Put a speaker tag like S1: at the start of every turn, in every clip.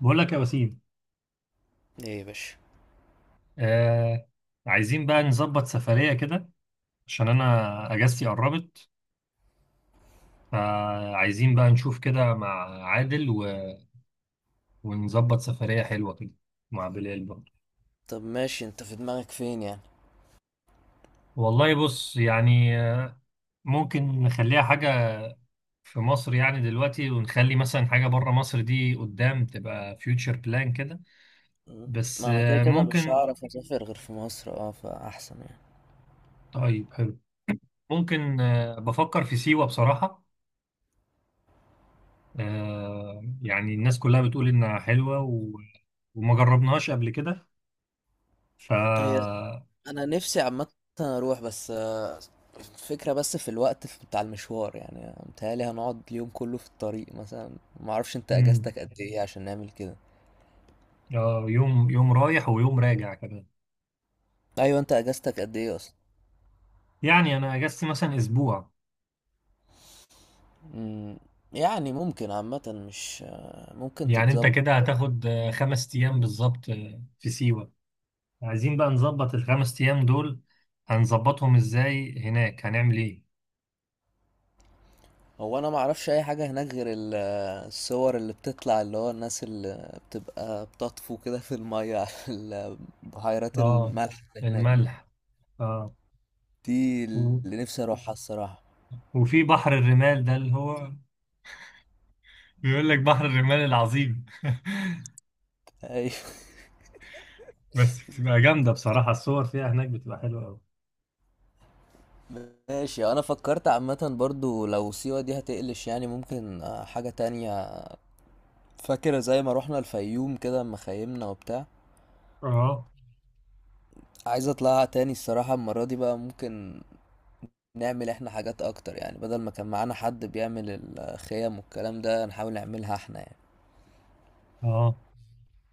S1: بقول لك يا وسيم.
S2: ايه يا باشا.
S1: آه. عايزين بقى نظبط سفرية كده، عشان أنا أجازتي قربت، فعايزين بقى نشوف كده مع عادل ونظبط سفرية حلوة كده مع بلال برضه.
S2: طب ماشي، انت في دماغك فين يعني؟
S1: والله، بص يعني، ممكن نخليها حاجة في مصر يعني دلوقتي، ونخلي مثلا حاجة بره مصر دي قدام تبقى فيوتشر بلان كده.
S2: مم.
S1: بس
S2: ما انا كده كده مش
S1: ممكن.
S2: هعرف اسافر غير في مصر، اه فاحسن يعني.
S1: طيب، حلو. ممكن، بفكر في سيوة بصراحة. يعني الناس كلها بتقول إنها حلوة وما جربناهاش قبل كده. ف
S2: هي انا نفسي عامه اروح، بس الفكره بس في الوقت بتاع المشوار، يعني متهيألي هنقعد اليوم كله في الطريق مثلا. ما اعرفش انت
S1: مم.
S2: اجازتك قد ايه عشان نعمل كده.
S1: يوم يوم رايح ويوم راجع كمان.
S2: ايوه، انت اجازتك قد ايه اصلا؟
S1: يعني أنا أجازتي مثلا أسبوع.
S2: امم، يعني ممكن عامه، مش ممكن
S1: يعني أنت
S2: تتظبط.
S1: كده هتاخد 5 أيام بالظبط في سيوة. عايزين بقى نظبط الـ 5 أيام دول، هنظبطهم إزاي هناك؟ هنعمل إيه؟
S2: هو انا ما اعرفش اي حاجه هناك غير الصور اللي بتطلع، اللي هو الناس اللي بتبقى بتطفو كده في الميه على بحيرات
S1: آه.
S2: الملح اللي هناك دي.
S1: الملح. آه.
S2: دي
S1: و...
S2: اللي نفسي اروحها الصراحه.
S1: وفي بحر الرمال ده اللي هو، بيقول لك بحر الرمال العظيم.
S2: ايوه،
S1: بس بتبقى جامدة بصراحة، الصور فيها هناك بتبقى حلوة أوي.
S2: ماشي. انا فكرت عامه برضو لو سيوه دي هتقلش، يعني ممكن حاجه تانية. فاكره زي ما روحنا الفيوم كده اما خيمنا وبتاع؟
S1: اه،
S2: عايز اطلعها تاني الصراحه، المره دي بقى ممكن نعمل احنا حاجات اكتر يعني، بدل ما كان معانا حد بيعمل الخيم والكلام ده، نحاول نعملها احنا يعني.
S1: اه.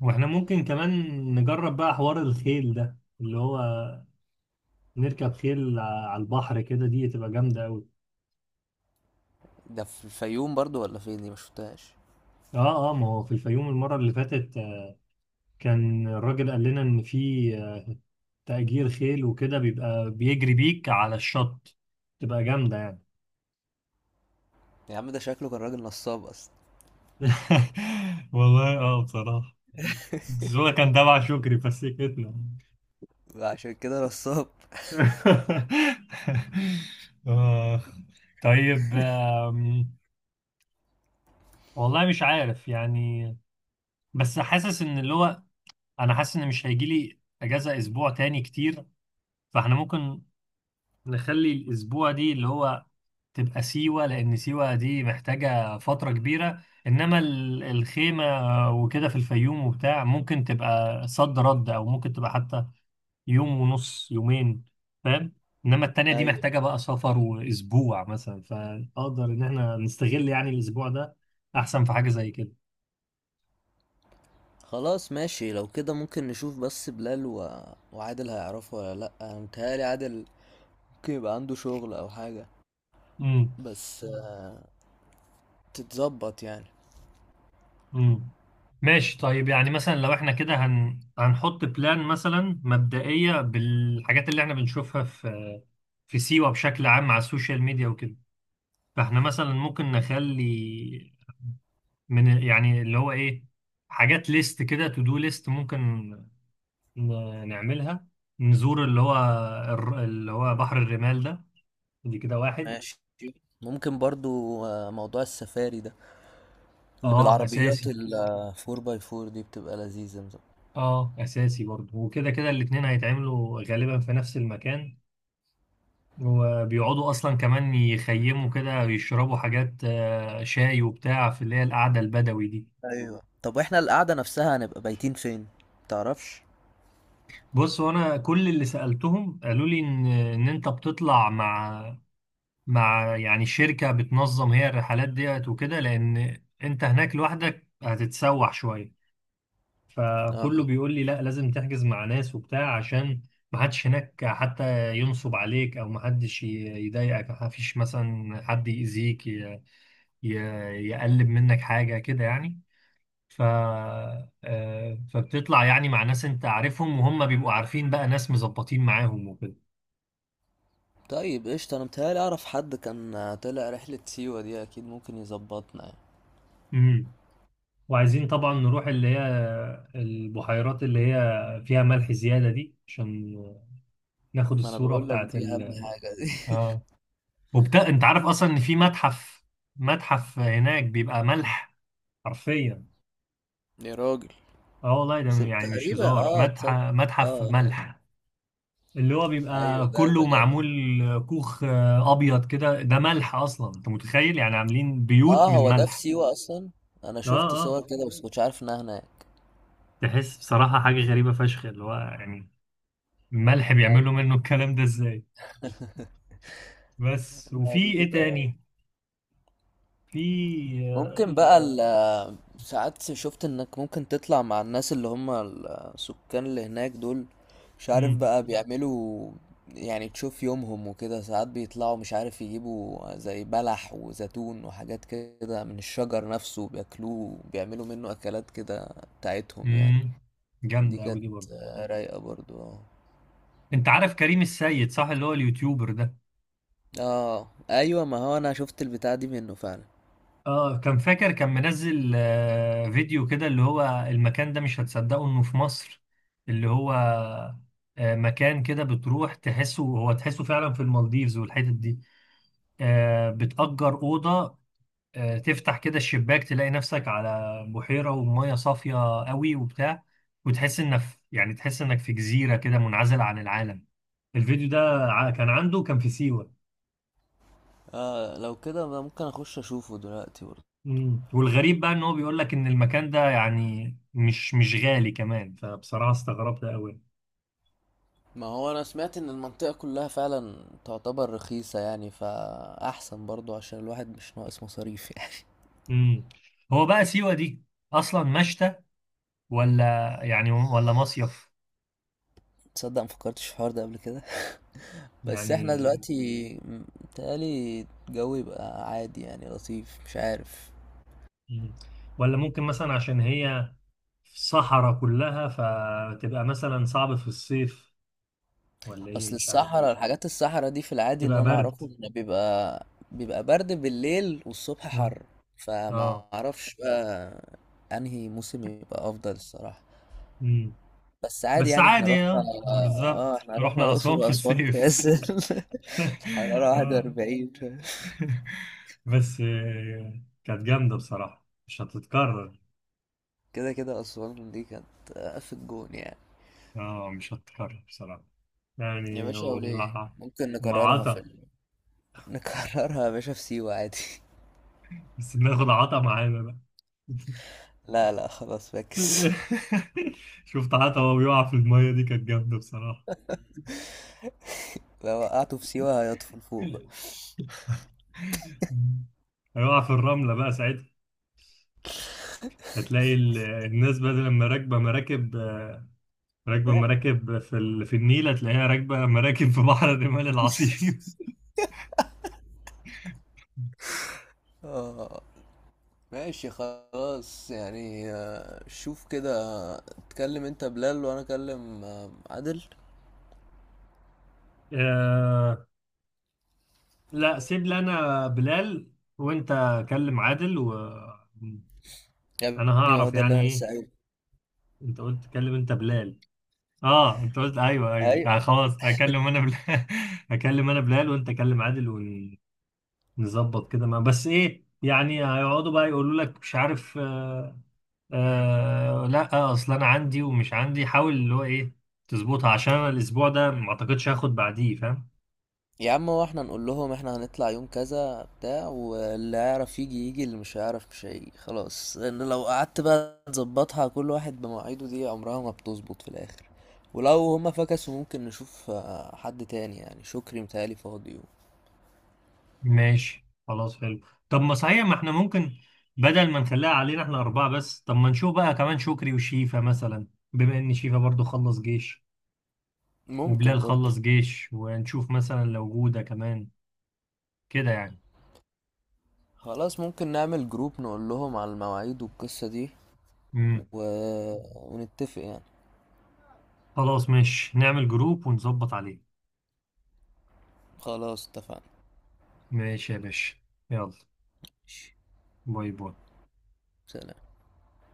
S1: واحنا ممكن كمان نجرب بقى حوار الخيل ده، اللي هو نركب خيل على البحر، كده دي تبقى جامدة أوي.
S2: ده في الفيوم برضو ولا فين؟ دي ما شفتهاش.
S1: اه، اه، ما هو في الفيوم المرة اللي فاتت كان الراجل قال لنا إن في تأجير خيل، وكده بيبقى بيجري بيك على الشط، تبقى جامدة يعني.
S2: يا عم ده شكله كان راجل نصاب اصلا.
S1: والله اه بصراحة، بس هو كان تبع شكري فسكتنا.
S2: عشان كده نصاب.
S1: آخ. طيب، والله مش عارف يعني. بس حاسس ان اللي هو، انا حاسس ان مش هيجي لي اجازه اسبوع تاني كتير، فاحنا ممكن نخلي الاسبوع دي اللي هو تبقى سيوه، لان سيوه دي محتاجه فتره كبيره، انما الخيمه وكده في الفيوم وبتاع ممكن تبقى صد رد، او ممكن تبقى حتى يوم ونص، يومين، فاهم؟ انما التانية دي
S2: ايوه.
S1: محتاجة بقى سفر واسبوع مثلا، فاقدر ان احنا نستغل يعني الاسبوع ده احسن في حاجة زي كده.
S2: خلاص ماشي، لو كده ممكن نشوف بس بلال و... وعادل هيعرفوا ولا لا. انا متهيألي عادل ممكن يبقى عنده شغل او حاجه،
S1: امم،
S2: بس تتظبط يعني.
S1: امم. ماشي، طيب يعني مثلا لو احنا كده هنحط بلان مثلا مبدئية بالحاجات اللي احنا بنشوفها في سيوة بشكل عام على السوشيال ميديا وكده، فاحنا مثلا ممكن نخلي من يعني اللي هو ايه، حاجات ليست كده، تو دو ليست، ممكن نعملها. نزور اللي هو اللي هو بحر الرمال ده، دي كده واحد.
S2: ماشي. ممكن برضو موضوع السفاري ده، اللي
S1: اه
S2: بالعربيات
S1: اساسي.
S2: ال 4 باي 4 دي، بتبقى لذيذة.
S1: اه اساسي برضه، وكده كده الاتنين هيتعملوا غالبا في نفس المكان، وبيقعدوا اصلا كمان يخيموا كده، يشربوا حاجات شاي وبتاع في اللي هي القعده البدوي دي.
S2: ايوه، طب واحنا القعده نفسها هنبقى بايتين فين؟ متعرفش؟
S1: بص، وانا كل اللي سالتهم قالوا لي ان ان انت بتطلع مع يعني شركه بتنظم هي الرحلات ديت وكده، لان انت هناك لوحدك هتتسوح شويه،
S2: اه.
S1: فكله بيقول لي لا، لازم تحجز مع ناس وبتاع، عشان ما حدش هناك حتى ينصب عليك، او ما حدش يضايقك، ما فيش مثلا حد يأذيك ي- يقلب منك حاجة كده يعني. ف آه، فبتطلع يعني مع ناس انت عارفهم، وهم بيبقوا عارفين بقى ناس مظبطين معاهم وكده.
S2: طيب قشطة، انا متهيألي اعرف حد كان طلع رحلة سيوة دي، اكيد ممكن يظبطنا يعني.
S1: امم. وعايزين طبعا نروح اللي هي البحيرات اللي هي فيها ملح زيادة دي، عشان ناخد
S2: ما انا
S1: الصورة
S2: بقول لك
S1: بتاعت
S2: دي اهم حاجة دي.
S1: اه. انت عارف اصلا ان في متحف متحف هناك بيبقى ملح، حرفيا.
S2: يا راجل،
S1: اه والله، ده يعني مش
S2: تقريبا
S1: هزار،
S2: اه، تصدق.
S1: متحف
S2: اه
S1: متحف
S2: آه.
S1: ملح. اللي هو
S2: ايوه،
S1: بيبقى
S2: ده هيبقى
S1: كله
S2: جامد.
S1: معمول كوخ ابيض كده، ده ملح. اصلا انت متخيل؟ يعني عاملين بيوت
S2: اه،
S1: من
S2: هو ده في
S1: ملح.
S2: سيوة اصلا؟ انا
S1: اه،
S2: شفت
S1: اه.
S2: صور كده بس مش عارف انها هناك.
S1: تحس بصراحة حاجة غريبة فشخ، اللي هو يعني الملح بيعملوا منه الكلام ده ازاي. بس،
S2: آه،
S1: وفي
S2: دي
S1: ايه
S2: تبقى
S1: تاني؟ في
S2: ممكن بقى ساعات شفت انك ممكن تطلع مع الناس اللي هم السكان اللي هناك دول، مش عارف
S1: امم،
S2: بقى بيعملوا، يعني تشوف يومهم وكده. ساعات بيطلعوا، مش عارف، يجيبوا زي بلح وزيتون وحاجات كده من الشجر نفسه، بياكلوه بيعملوا منه اكلات كده بتاعتهم يعني.
S1: امم.
S2: دي
S1: جامدة قوي
S2: كانت
S1: دي برضه.
S2: رايقة برضو اه.
S1: انت عارف كريم السيد صح؟ اللي هو اليوتيوبر ده.
S2: اه ايوه، ما هو انا شفت البتاع دي منه فعلا.
S1: اه، كان فاكر كان منزل فيديو كده اللي هو، المكان ده مش هتصدقه انه في مصر. اللي هو مكان كده بتروح تحسه، هو تحسه فعلا في المالديفز والحتت دي. بتأجر أوضة، تفتح كده الشباك، تلاقي نفسك على بحيرة ومية صافية قوي وبتاع، وتحس انك يعني، تحس انك في جزيرة كده منعزل عن العالم. الفيديو ده كان عنده، كان في سيوة.
S2: اه لو كده ممكن اخش اشوفه دلوقتي.
S1: مم. والغريب بقى ان هو بيقول لك ان المكان ده يعني مش غالي كمان، فبصراحة استغربت قوي.
S2: ما هو انا سمعت ان المنطقة كلها فعلا تعتبر رخيصة يعني، فاحسن برضو عشان الواحد مش ناقص مصاريف يعني.
S1: امم. هو بقى سيوة دي اصلا مشتى ولا يعني ولا مصيف؟
S2: تصدق مفكرتش في الحوار ده قبل كده. بس احنا
S1: يعني.
S2: دلوقتي متهيألي الجو يبقى عادي يعني، لطيف، مش عارف.
S1: مم. ولا ممكن مثلا عشان هي في صحراء كلها فتبقى مثلا صعب في الصيف؟ ولا ايه؟
S2: اصل
S1: مش عارف.
S2: الصحراء، الحاجات الصحراء دي في العادي
S1: تبقى
S2: اللي انا
S1: برد.
S2: اعرفه ان بيبقى، بيبقى برد بالليل والصبح
S1: مم.
S2: حر،
S1: اه.
S2: فما اعرفش بقى انهي موسم يبقى افضل الصراحة.
S1: امم.
S2: بس عادي
S1: بس
S2: يعني، احنا
S1: عادي
S2: رحنا.
S1: اه بالظبط،
S2: اه احنا رحنا
S1: رحنا
S2: الأقصر
S1: اسوان في
S2: وأسوان في
S1: الصيف.
S2: عز الحرارة
S1: آه.
S2: 41.
S1: بس كانت جامدة بصراحة، مش هتتكرر.
S2: كده كده أسوان دي كانت في الجون يعني.
S1: اه، مش هتتكرر بصراحة
S2: يا
S1: يعني،
S2: باشا وليه، ممكن
S1: مع
S2: نكررها في
S1: عطا،
S2: ال... نكررها يا باشا في سيوة عادي.
S1: بس بناخد عطا معانا بقى.
S2: لا لا، خلاص فاكس.
S1: شفت عطا وهو بيقع في المية، دي كانت جامدة بصراحة.
S2: لو وقعته في سيوة هيطفل فوق بقى.
S1: هيقع في الرملة بقى ساعتها، هتلاقي الناس بدل ما راكبة مراكب، راكبة مراكب في النيل، هتلاقيها راكبة مراكب في بحر الرمال العظيم.
S2: اه. ماشي خلاص، يعني شوف كده، اتكلم انت بلال وانا اكلم عادل.
S1: لا، سيب لي انا بلال، وانت كلم عادل، وانا
S2: يا ابني ما هو
S1: هعرف
S2: ده اللي انا
S1: يعني
S2: لسه
S1: ايه؟
S2: قايله.
S1: انت قلت كلم انت بلال. اه انت قلت، ايوه ايوه آه، خلاص هكلم انا بلال. هكلم انا بلال وانت كلم عادل، ونظبط كده. ما بس ايه يعني، هيقعدوا بقى يقولوا لك مش عارف، آه. آه لا، اصل انا عندي ومش عندي، حاول اللي هو ايه تظبطها عشان انا الاسبوع ده ما اعتقدش هاخد بعديه، فاهم.
S2: يا عم، هو احنا نقول لهم احنا هنطلع يوم كذا بتاع، واللي هيعرف يجي يجي، اللي مش هيعرف مش هيجي خلاص، لان لو قعدت بقى تظبطها كل واحد بمواعيده دي، عمرها ما بتظبط في الاخر. ولو هما فكسوا ممكن نشوف حد تاني، يعني شكري متهيألي فاضي.
S1: ماشي، خلاص، حلو. طب ما صحيح، ما احنا ممكن بدل ما نخليها علينا احنا أربعة بس، طب ما نشوف بقى كمان شكري وشيفا مثلا، بما إن شيفا برضو خلص جيش، وبلال
S2: ممكن برضو.
S1: خلص جيش، ونشوف مثلا لو جودة كمان كده يعني.
S2: خلاص ممكن نعمل جروب نقول لهم على المواعيد والقصة دي
S1: امم.
S2: و... ونتفق يعني.
S1: خلاص ماشي، نعمل جروب ونظبط عليه.
S2: خلاص اتفقنا.
S1: ماشي يا باشا، يلا.
S2: ماشي.
S1: باي باي.
S2: سلام.